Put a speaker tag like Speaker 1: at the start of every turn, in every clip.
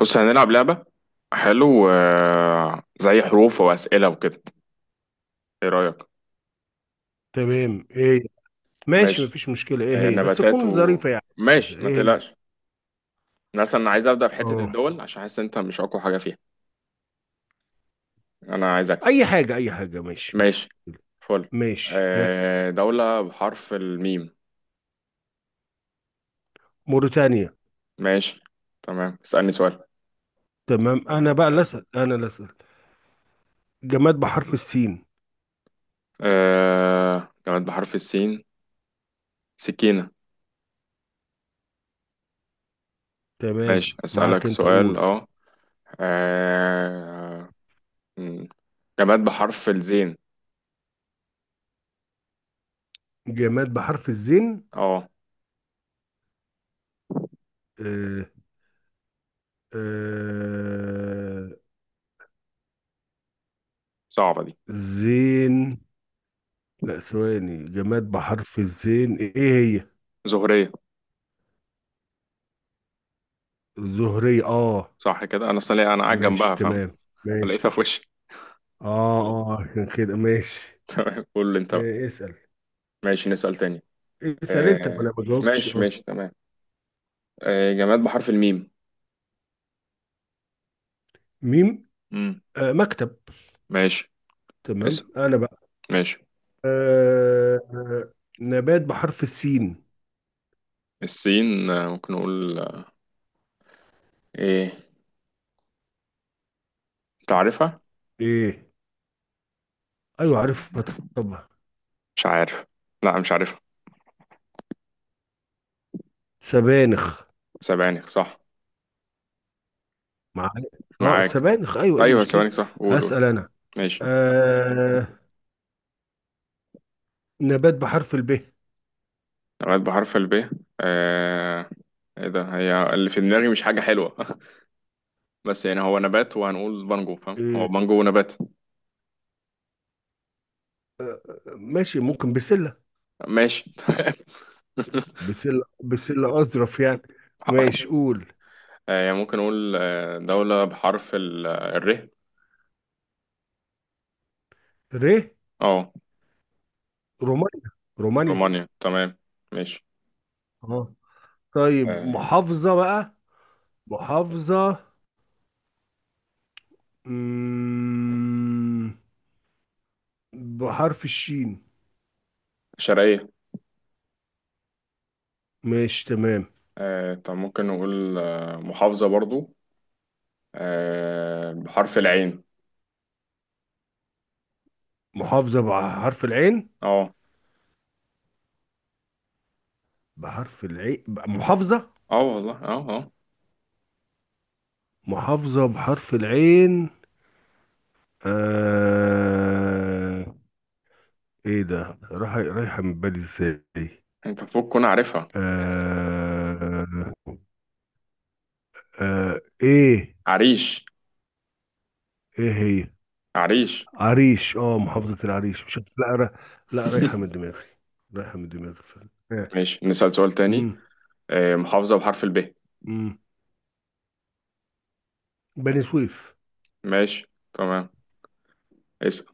Speaker 1: بص هنلعب لعبة. حلو زي حروف وأسئلة وكده. ايه رأيك؟
Speaker 2: تمام، ايه؟ ماشي،
Speaker 1: ماشي.
Speaker 2: مفيش مشكلة، ايه هي بس
Speaker 1: نباتات و
Speaker 2: تكون ظريفة يعني.
Speaker 1: ماشي ما
Speaker 2: ايه هي؟
Speaker 1: تقلقش. مثلا انا عايز أبدأ في حتة
Speaker 2: اه،
Speaker 1: الدول عشان حاسس انت مش أقوى حاجة فيها. انا عايز أكسب.
Speaker 2: اي حاجة اي حاجة ماشي، مش
Speaker 1: ماشي.
Speaker 2: مشكلة.
Speaker 1: فل.
Speaker 2: ماشي، ها.
Speaker 1: دولة بحرف الميم.
Speaker 2: موريتانيا.
Speaker 1: ماشي، تمام، اسألني سؤال.
Speaker 2: تمام، انا بقى اللي اسال، انا اللي اسال. جماد بحرف السين.
Speaker 1: جماد بحرف السين، سكينة.
Speaker 2: تمام
Speaker 1: ماشي أسألك
Speaker 2: معاك، انت
Speaker 1: سؤال.
Speaker 2: قول.
Speaker 1: اه، آه، م، جماد بحرف الزين.
Speaker 2: جماد بحرف الزين.
Speaker 1: اه،
Speaker 2: آه آه،
Speaker 1: صعبة دي.
Speaker 2: زين. لا ثواني، جماد بحرف الزين ايه هي؟
Speaker 1: زهرية.
Speaker 2: زهرية، اه.
Speaker 1: صح كده، انا اصلا انا قاعد جنبها
Speaker 2: ماشي
Speaker 1: فاهم،
Speaker 2: تمام، ماشي.
Speaker 1: فلقيتها في وشي.
Speaker 2: اه، اه عشان كده ماشي.
Speaker 1: قول لي انت بقى.
Speaker 2: إيه، اسأل.
Speaker 1: ماشي نسأل تاني.
Speaker 2: اسأل انت، ما
Speaker 1: آه.
Speaker 2: انا ما جاوبتش.
Speaker 1: ماشي
Speaker 2: اه،
Speaker 1: ماشي تمام. آه، جماد بحرف الميم.
Speaker 2: ميم.
Speaker 1: مم.
Speaker 2: آه، مكتب.
Speaker 1: ماشي. اسأل.
Speaker 2: تمام، انا بقى.
Speaker 1: ماشي.
Speaker 2: نبات بحرف السين.
Speaker 1: السين، ممكن نقول، ايه؟ انت عارفها؟
Speaker 2: ايه. ايوه عارفها، طبعا.
Speaker 1: مش عارف. لا مش عارفها.
Speaker 2: سبانخ.
Speaker 1: سبانخ، صح.
Speaker 2: مع. اه
Speaker 1: معاك.
Speaker 2: سبانخ، ايوه، ايه
Speaker 1: ايوه
Speaker 2: المشكلة؟
Speaker 1: سبانخ صح، قول.
Speaker 2: هسأل انا.
Speaker 1: ماشي.
Speaker 2: آه، نبات بحرف الب.
Speaker 1: جماد بحرف الب. آه، ايه ده، هي اللي في دماغي مش حاجة حلوة. بس يعني هو نبات وهنقول بانجو، فاهم؟ هو
Speaker 2: ايه؟
Speaker 1: بانجو نبات.
Speaker 2: ماشي، ممكن بسلة.
Speaker 1: ماشي.
Speaker 2: بسلة، بسلة اظرف يعني. ماشي، قول.
Speaker 1: يعني ممكن أقول، دولة بحرف الر.
Speaker 2: ر.
Speaker 1: اه.
Speaker 2: رومانيا. رومانيا.
Speaker 1: رومانيا، تمام. ماشي.
Speaker 2: اه. طيب
Speaker 1: آه،
Speaker 2: محافظة بقى. محافظة، مم، بحرف الشين.
Speaker 1: شرقية.
Speaker 2: ماشي تمام.
Speaker 1: طب ممكن نقول، محافظة برضو، بحرف العين.
Speaker 2: محافظة بحرف العين.
Speaker 1: اه.
Speaker 2: بحرف العين، محافظة.
Speaker 1: اه والله، اه اه.
Speaker 2: محافظة بحرف العين. آه... ايه ده، راح، رايحة من بالي ازاي؟
Speaker 1: انت فوق كون عارفها يعني.
Speaker 2: آه... ايه
Speaker 1: عريش.
Speaker 2: ايه هي؟
Speaker 1: عريش.
Speaker 2: عريش، اه محافظة العريش. مش لا را... لا رايحة من دماغي. رايحة من دماغي فعلا، آه.
Speaker 1: ماشي نسأل سؤال تاني.
Speaker 2: مم.
Speaker 1: محافظة بحرف الب.
Speaker 2: مم. بني سويف.
Speaker 1: ماشي، تمام. اسأل.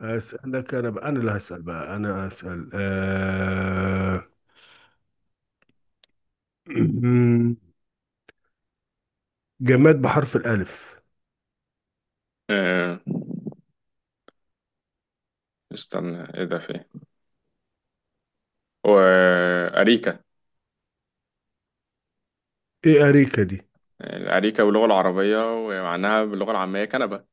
Speaker 2: أسألك أنا بقى، أنا اللي هسأل بقى، أنا هسأل. جماد بحرف الألف.
Speaker 1: آه، استنى، ايه ده، فين؟ أريكا.
Speaker 2: إيه أريكة دي؟
Speaker 1: أريكة باللغة العربية، ومعناها باللغة العامية كنبة.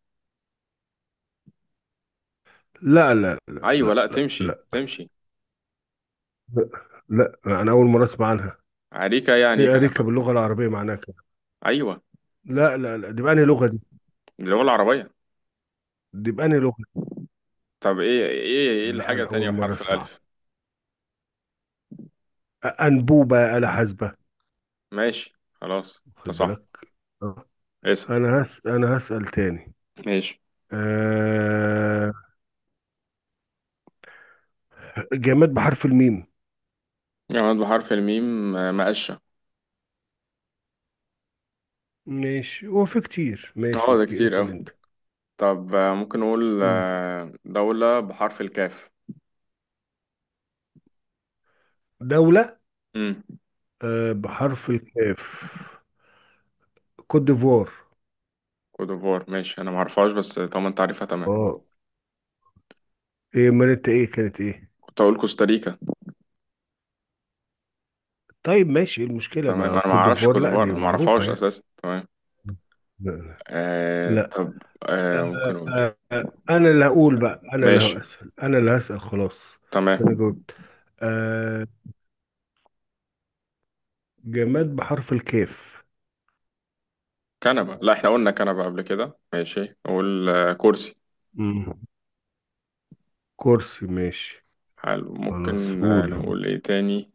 Speaker 2: لا لا
Speaker 1: أيوة،
Speaker 2: لا
Speaker 1: لا،
Speaker 2: لا.
Speaker 1: تمشي
Speaker 2: لا
Speaker 1: تمشي
Speaker 2: لا لا، أنا أول مرة أسمع عنها.
Speaker 1: أريكة يعني
Speaker 2: إيه،
Speaker 1: كنبة.
Speaker 2: أريكة باللغة العربية معناها كده؟
Speaker 1: أيوة.
Speaker 2: لا لا لا، دي بأنهي لغة دي؟
Speaker 1: باللغة العربية.
Speaker 2: دي بأنهي لغة؟
Speaker 1: طب إيه، إيه
Speaker 2: لا
Speaker 1: الحاجة
Speaker 2: أنا
Speaker 1: التانية
Speaker 2: أول مرة
Speaker 1: بحرف
Speaker 2: أسمعها.
Speaker 1: الألف؟
Speaker 2: أ- أنبوبة يا آلة حاسبة.
Speaker 1: ماشي، خلاص أنت
Speaker 2: خد
Speaker 1: صح.
Speaker 2: بالك. أه.
Speaker 1: اسأل.
Speaker 2: أنا هسأل تاني.
Speaker 1: ماشي.
Speaker 2: أه... جماد بحرف الميم.
Speaker 1: جماد بحرف الميم، مقشة.
Speaker 2: ماشي هو في كتير، ماشي
Speaker 1: أه ده
Speaker 2: أوكي
Speaker 1: كتير
Speaker 2: اسأل
Speaker 1: أوي.
Speaker 2: أنت.
Speaker 1: طب، ممكن نقول،
Speaker 2: مم.
Speaker 1: دولة بحرف الكاف.
Speaker 2: دولة،
Speaker 1: امم
Speaker 2: آه، بحرف الكاف. كوت ديفوار.
Speaker 1: كوتوفوار، ماشي، أنا معرفهاش بس طالما أنت عارفها تمام.
Speaker 2: اه. ايه امال انت، ايه كانت ايه؟
Speaker 1: كنت أقول كوستاريكا.
Speaker 2: طيب ماشي، ايه المشكلة
Speaker 1: تمام،
Speaker 2: مع
Speaker 1: أنا
Speaker 2: كوت
Speaker 1: معرفش
Speaker 2: ديفوار؟ لا
Speaker 1: كوتوفوار،
Speaker 2: دي
Speaker 1: أنا
Speaker 2: معروفة
Speaker 1: معرفهاش
Speaker 2: يعني.
Speaker 1: أساسا. تمام.
Speaker 2: لا
Speaker 1: آه
Speaker 2: لا.
Speaker 1: طب آه ممكن اقول.
Speaker 2: انا اللي هقول بقى، انا اللي
Speaker 1: ماشي،
Speaker 2: هسأل، انا اللي هسأل خلاص. انا
Speaker 1: تمام.
Speaker 2: جاوبت. آه، جماد بحرف الكاف.
Speaker 1: كنبة، لا احنا قلنا كنبة قبل كده، ماشي. نقول آه كرسي.
Speaker 2: مم. كرسي ماشي.
Speaker 1: حلو.
Speaker 2: خلاص
Speaker 1: ممكن آه
Speaker 2: قول.
Speaker 1: نقول ايه تاني؟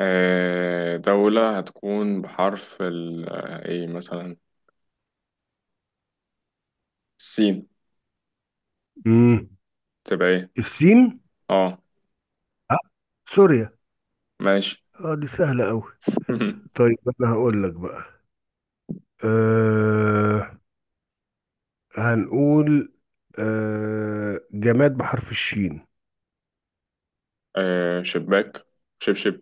Speaker 1: آه، دولة هتكون بحرف ال، آه ايه مثلا، السين.
Speaker 2: مم.
Speaker 1: تبقى ايه؟
Speaker 2: السين.
Speaker 1: اه.
Speaker 2: آه، سوريا.
Speaker 1: ماشي.
Speaker 2: اه دي سهلة قوي. طيب انا هقول لك بقى. أه، هنقول، أه، جماد بحرف الشين.
Speaker 1: آه، شباك، شبشب.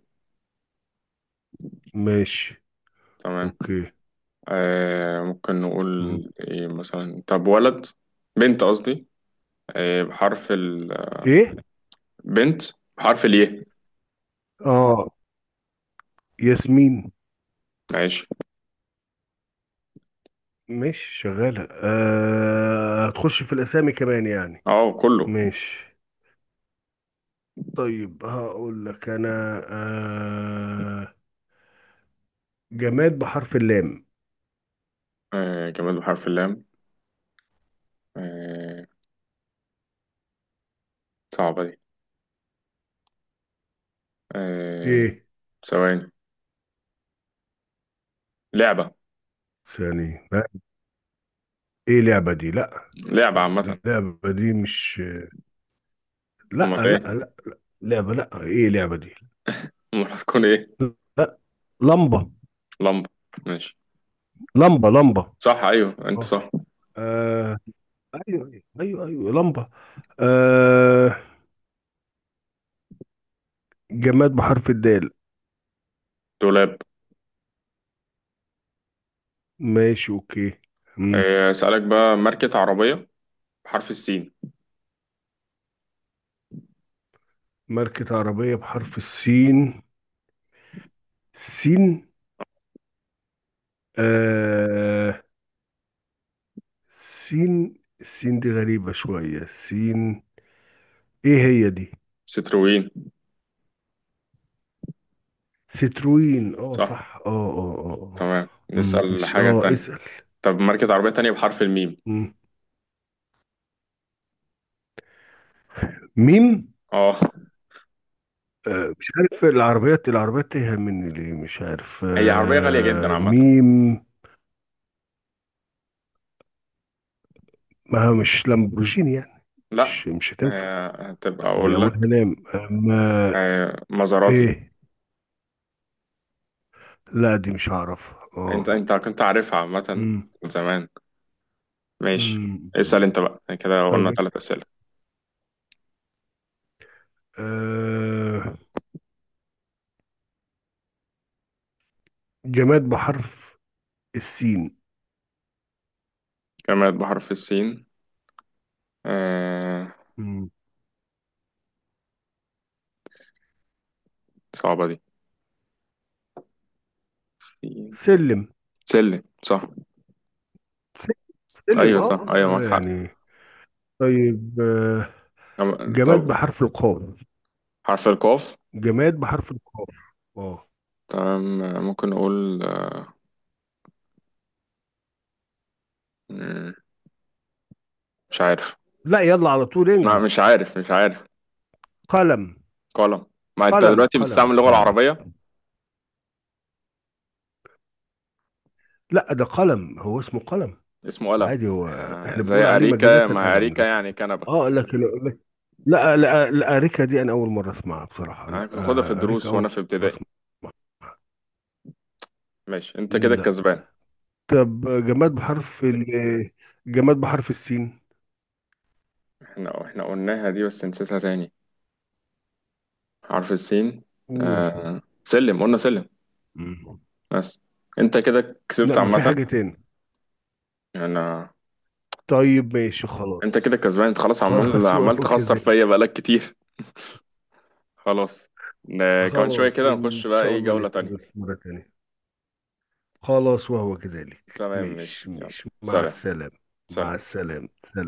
Speaker 2: ماشي
Speaker 1: تمام.
Speaker 2: اوكي.
Speaker 1: آه ممكن
Speaker 2: مم.
Speaker 1: نقول ايه مثلا، طب ولد، بنت قصدي، آه، بحرف البنت،
Speaker 2: ايه.
Speaker 1: بحرف الياء.
Speaker 2: اه، ياسمين.
Speaker 1: ماشي.
Speaker 2: ماشي شغالة، أه هتخش في الاسامي كمان يعني.
Speaker 1: اه كله.
Speaker 2: ماشي. طيب هقول لك انا. أه، جماد بحرف اللام.
Speaker 1: آه، جماد بحرف اللام. آه، صعبة دي. آه،
Speaker 2: ايه؟
Speaker 1: ثواني. لعبة.
Speaker 2: ثاني لا. ايه لعبة دي؟ لا.
Speaker 1: لعبة عامة.
Speaker 2: اللعبة دي مش. لا
Speaker 1: أمال
Speaker 2: لا
Speaker 1: إيه؟
Speaker 2: لا، لعبة لا، ايه لعبة دي؟
Speaker 1: أمال هتكون إيه؟
Speaker 2: لا. لمبة.
Speaker 1: لمبة. ماشي،
Speaker 2: لمبة، لمبة.
Speaker 1: صح، أيوه أنت
Speaker 2: اه،
Speaker 1: صح.
Speaker 2: آه، ايوه ايوه ايوه لمبة. آه، جماد بحرف الدال.
Speaker 1: دولاب.
Speaker 2: ماشي اوكي. مم.
Speaker 1: آه، أسألك بقى، ماركة عربية بحرف السين.
Speaker 2: ماركة عربية بحرف السين. سين. آه، سين، السين دي غريبة شوية، سين. ايه هي دي؟
Speaker 1: ستروين.
Speaker 2: ستروين. اه
Speaker 1: صح.
Speaker 2: صح، اه اه اه آه.
Speaker 1: تمام،
Speaker 2: مم،
Speaker 1: نسأل
Speaker 2: مش
Speaker 1: حاجة
Speaker 2: اه
Speaker 1: تانية.
Speaker 2: اسأل.
Speaker 1: طب، ماركة عربية تانية بحرف الميم.
Speaker 2: مم. ميم.
Speaker 1: اه.
Speaker 2: آه، مش عارف، العربيات العربيات تايهة مني ليه؟ مش عارف،
Speaker 1: هي عربية غالية جدا
Speaker 2: آه،
Speaker 1: عامة.
Speaker 2: ميم. ما هو مش لامبورجيني يعني؟
Speaker 1: لا.
Speaker 2: مش، مش هتنفع.
Speaker 1: آه هتبقى،
Speaker 2: دي
Speaker 1: أقول
Speaker 2: أولها
Speaker 1: لك.
Speaker 2: لام أما.
Speaker 1: آه، مزاراتي.
Speaker 2: إيه. لا دي مش هعرف، اه.
Speaker 1: أنت، كنت عارفها عامة،
Speaker 2: مم.
Speaker 1: زمان. ماشي.
Speaker 2: مم.
Speaker 1: اسأل
Speaker 2: مم.
Speaker 1: انت بقى، يعني كده
Speaker 2: طب
Speaker 1: قلنا
Speaker 2: إيه؟
Speaker 1: ثلاث أسئلة.
Speaker 2: آه، جماد بحرف السين.
Speaker 1: جماد بحرف السين. آه...
Speaker 2: مم.
Speaker 1: صعبة دي. سين.
Speaker 2: سلم.
Speaker 1: سلم. صح،
Speaker 2: سلم. سلم،
Speaker 1: أيوة
Speaker 2: اه،
Speaker 1: صح أيوة
Speaker 2: آه،
Speaker 1: معاك حق.
Speaker 2: يعني. طيب، آه، جماد
Speaker 1: طب،
Speaker 2: بحرف القاف.
Speaker 1: حرف القاف.
Speaker 2: جماد بحرف القاف. اه.
Speaker 1: تمام، ممكن نقول، مم، مش عارف.
Speaker 2: لا يلا على طول
Speaker 1: لا
Speaker 2: انجز.
Speaker 1: مش عارف، مش عارف.
Speaker 2: قلم.
Speaker 1: قلم. ما انت
Speaker 2: قلم،
Speaker 1: دلوقتي
Speaker 2: قلم،
Speaker 1: بتستعمل اللغة
Speaker 2: قلم.
Speaker 1: العربية.
Speaker 2: لا ده قلم، هو اسمه قلم
Speaker 1: اسمه قلم.
Speaker 2: عادي هو.
Speaker 1: آه...
Speaker 2: احنا
Speaker 1: زي
Speaker 2: بنقول عليه مجازة
Speaker 1: أريكة، ما
Speaker 2: قلم،
Speaker 1: أريكة
Speaker 2: لكن،
Speaker 1: يعني كنبة.
Speaker 2: اه لكن. لا لا لا، اريكا دي انا اول مرة اسمعها بصراحة،
Speaker 1: أنا
Speaker 2: لا.
Speaker 1: كنت باخدها في
Speaker 2: آه، اريكا
Speaker 1: الدروس وأنا
Speaker 2: اول
Speaker 1: في
Speaker 2: مرة
Speaker 1: ابتدائي.
Speaker 2: اسمعها.
Speaker 1: ماشي، انت كده
Speaker 2: لا.
Speaker 1: الكسبان.
Speaker 2: طب جماد بحرف ال، جماد بحرف السين.
Speaker 1: احنا قلناها دي بس نسيتها تاني. حرف السين.
Speaker 2: قول.
Speaker 1: آه. سلم، قلنا سلم.
Speaker 2: مم.
Speaker 1: بس. انت كده
Speaker 2: لا،
Speaker 1: كسبت
Speaker 2: ما في
Speaker 1: عامة.
Speaker 2: حاجة تاني.
Speaker 1: انا،
Speaker 2: طيب ماشي
Speaker 1: انت
Speaker 2: خلاص.
Speaker 1: كده كسبان، انت خلاص عمال
Speaker 2: خلاص
Speaker 1: عمال
Speaker 2: وهو
Speaker 1: تخسر
Speaker 2: كذلك.
Speaker 1: فيا بقالك كتير. خلاص. كمان شوية
Speaker 2: خلاص
Speaker 1: كده
Speaker 2: ان
Speaker 1: نخش بقى
Speaker 2: شاء
Speaker 1: ايه
Speaker 2: الله
Speaker 1: جولة تانية.
Speaker 2: نتقابل في مرة تانية. خلاص وهو كذلك،
Speaker 1: تمام ماشي،
Speaker 2: ماشي
Speaker 1: يلا،
Speaker 2: ماشي مع
Speaker 1: سلام.
Speaker 2: السلامة. مع
Speaker 1: سلام.
Speaker 2: السلامة، سلام.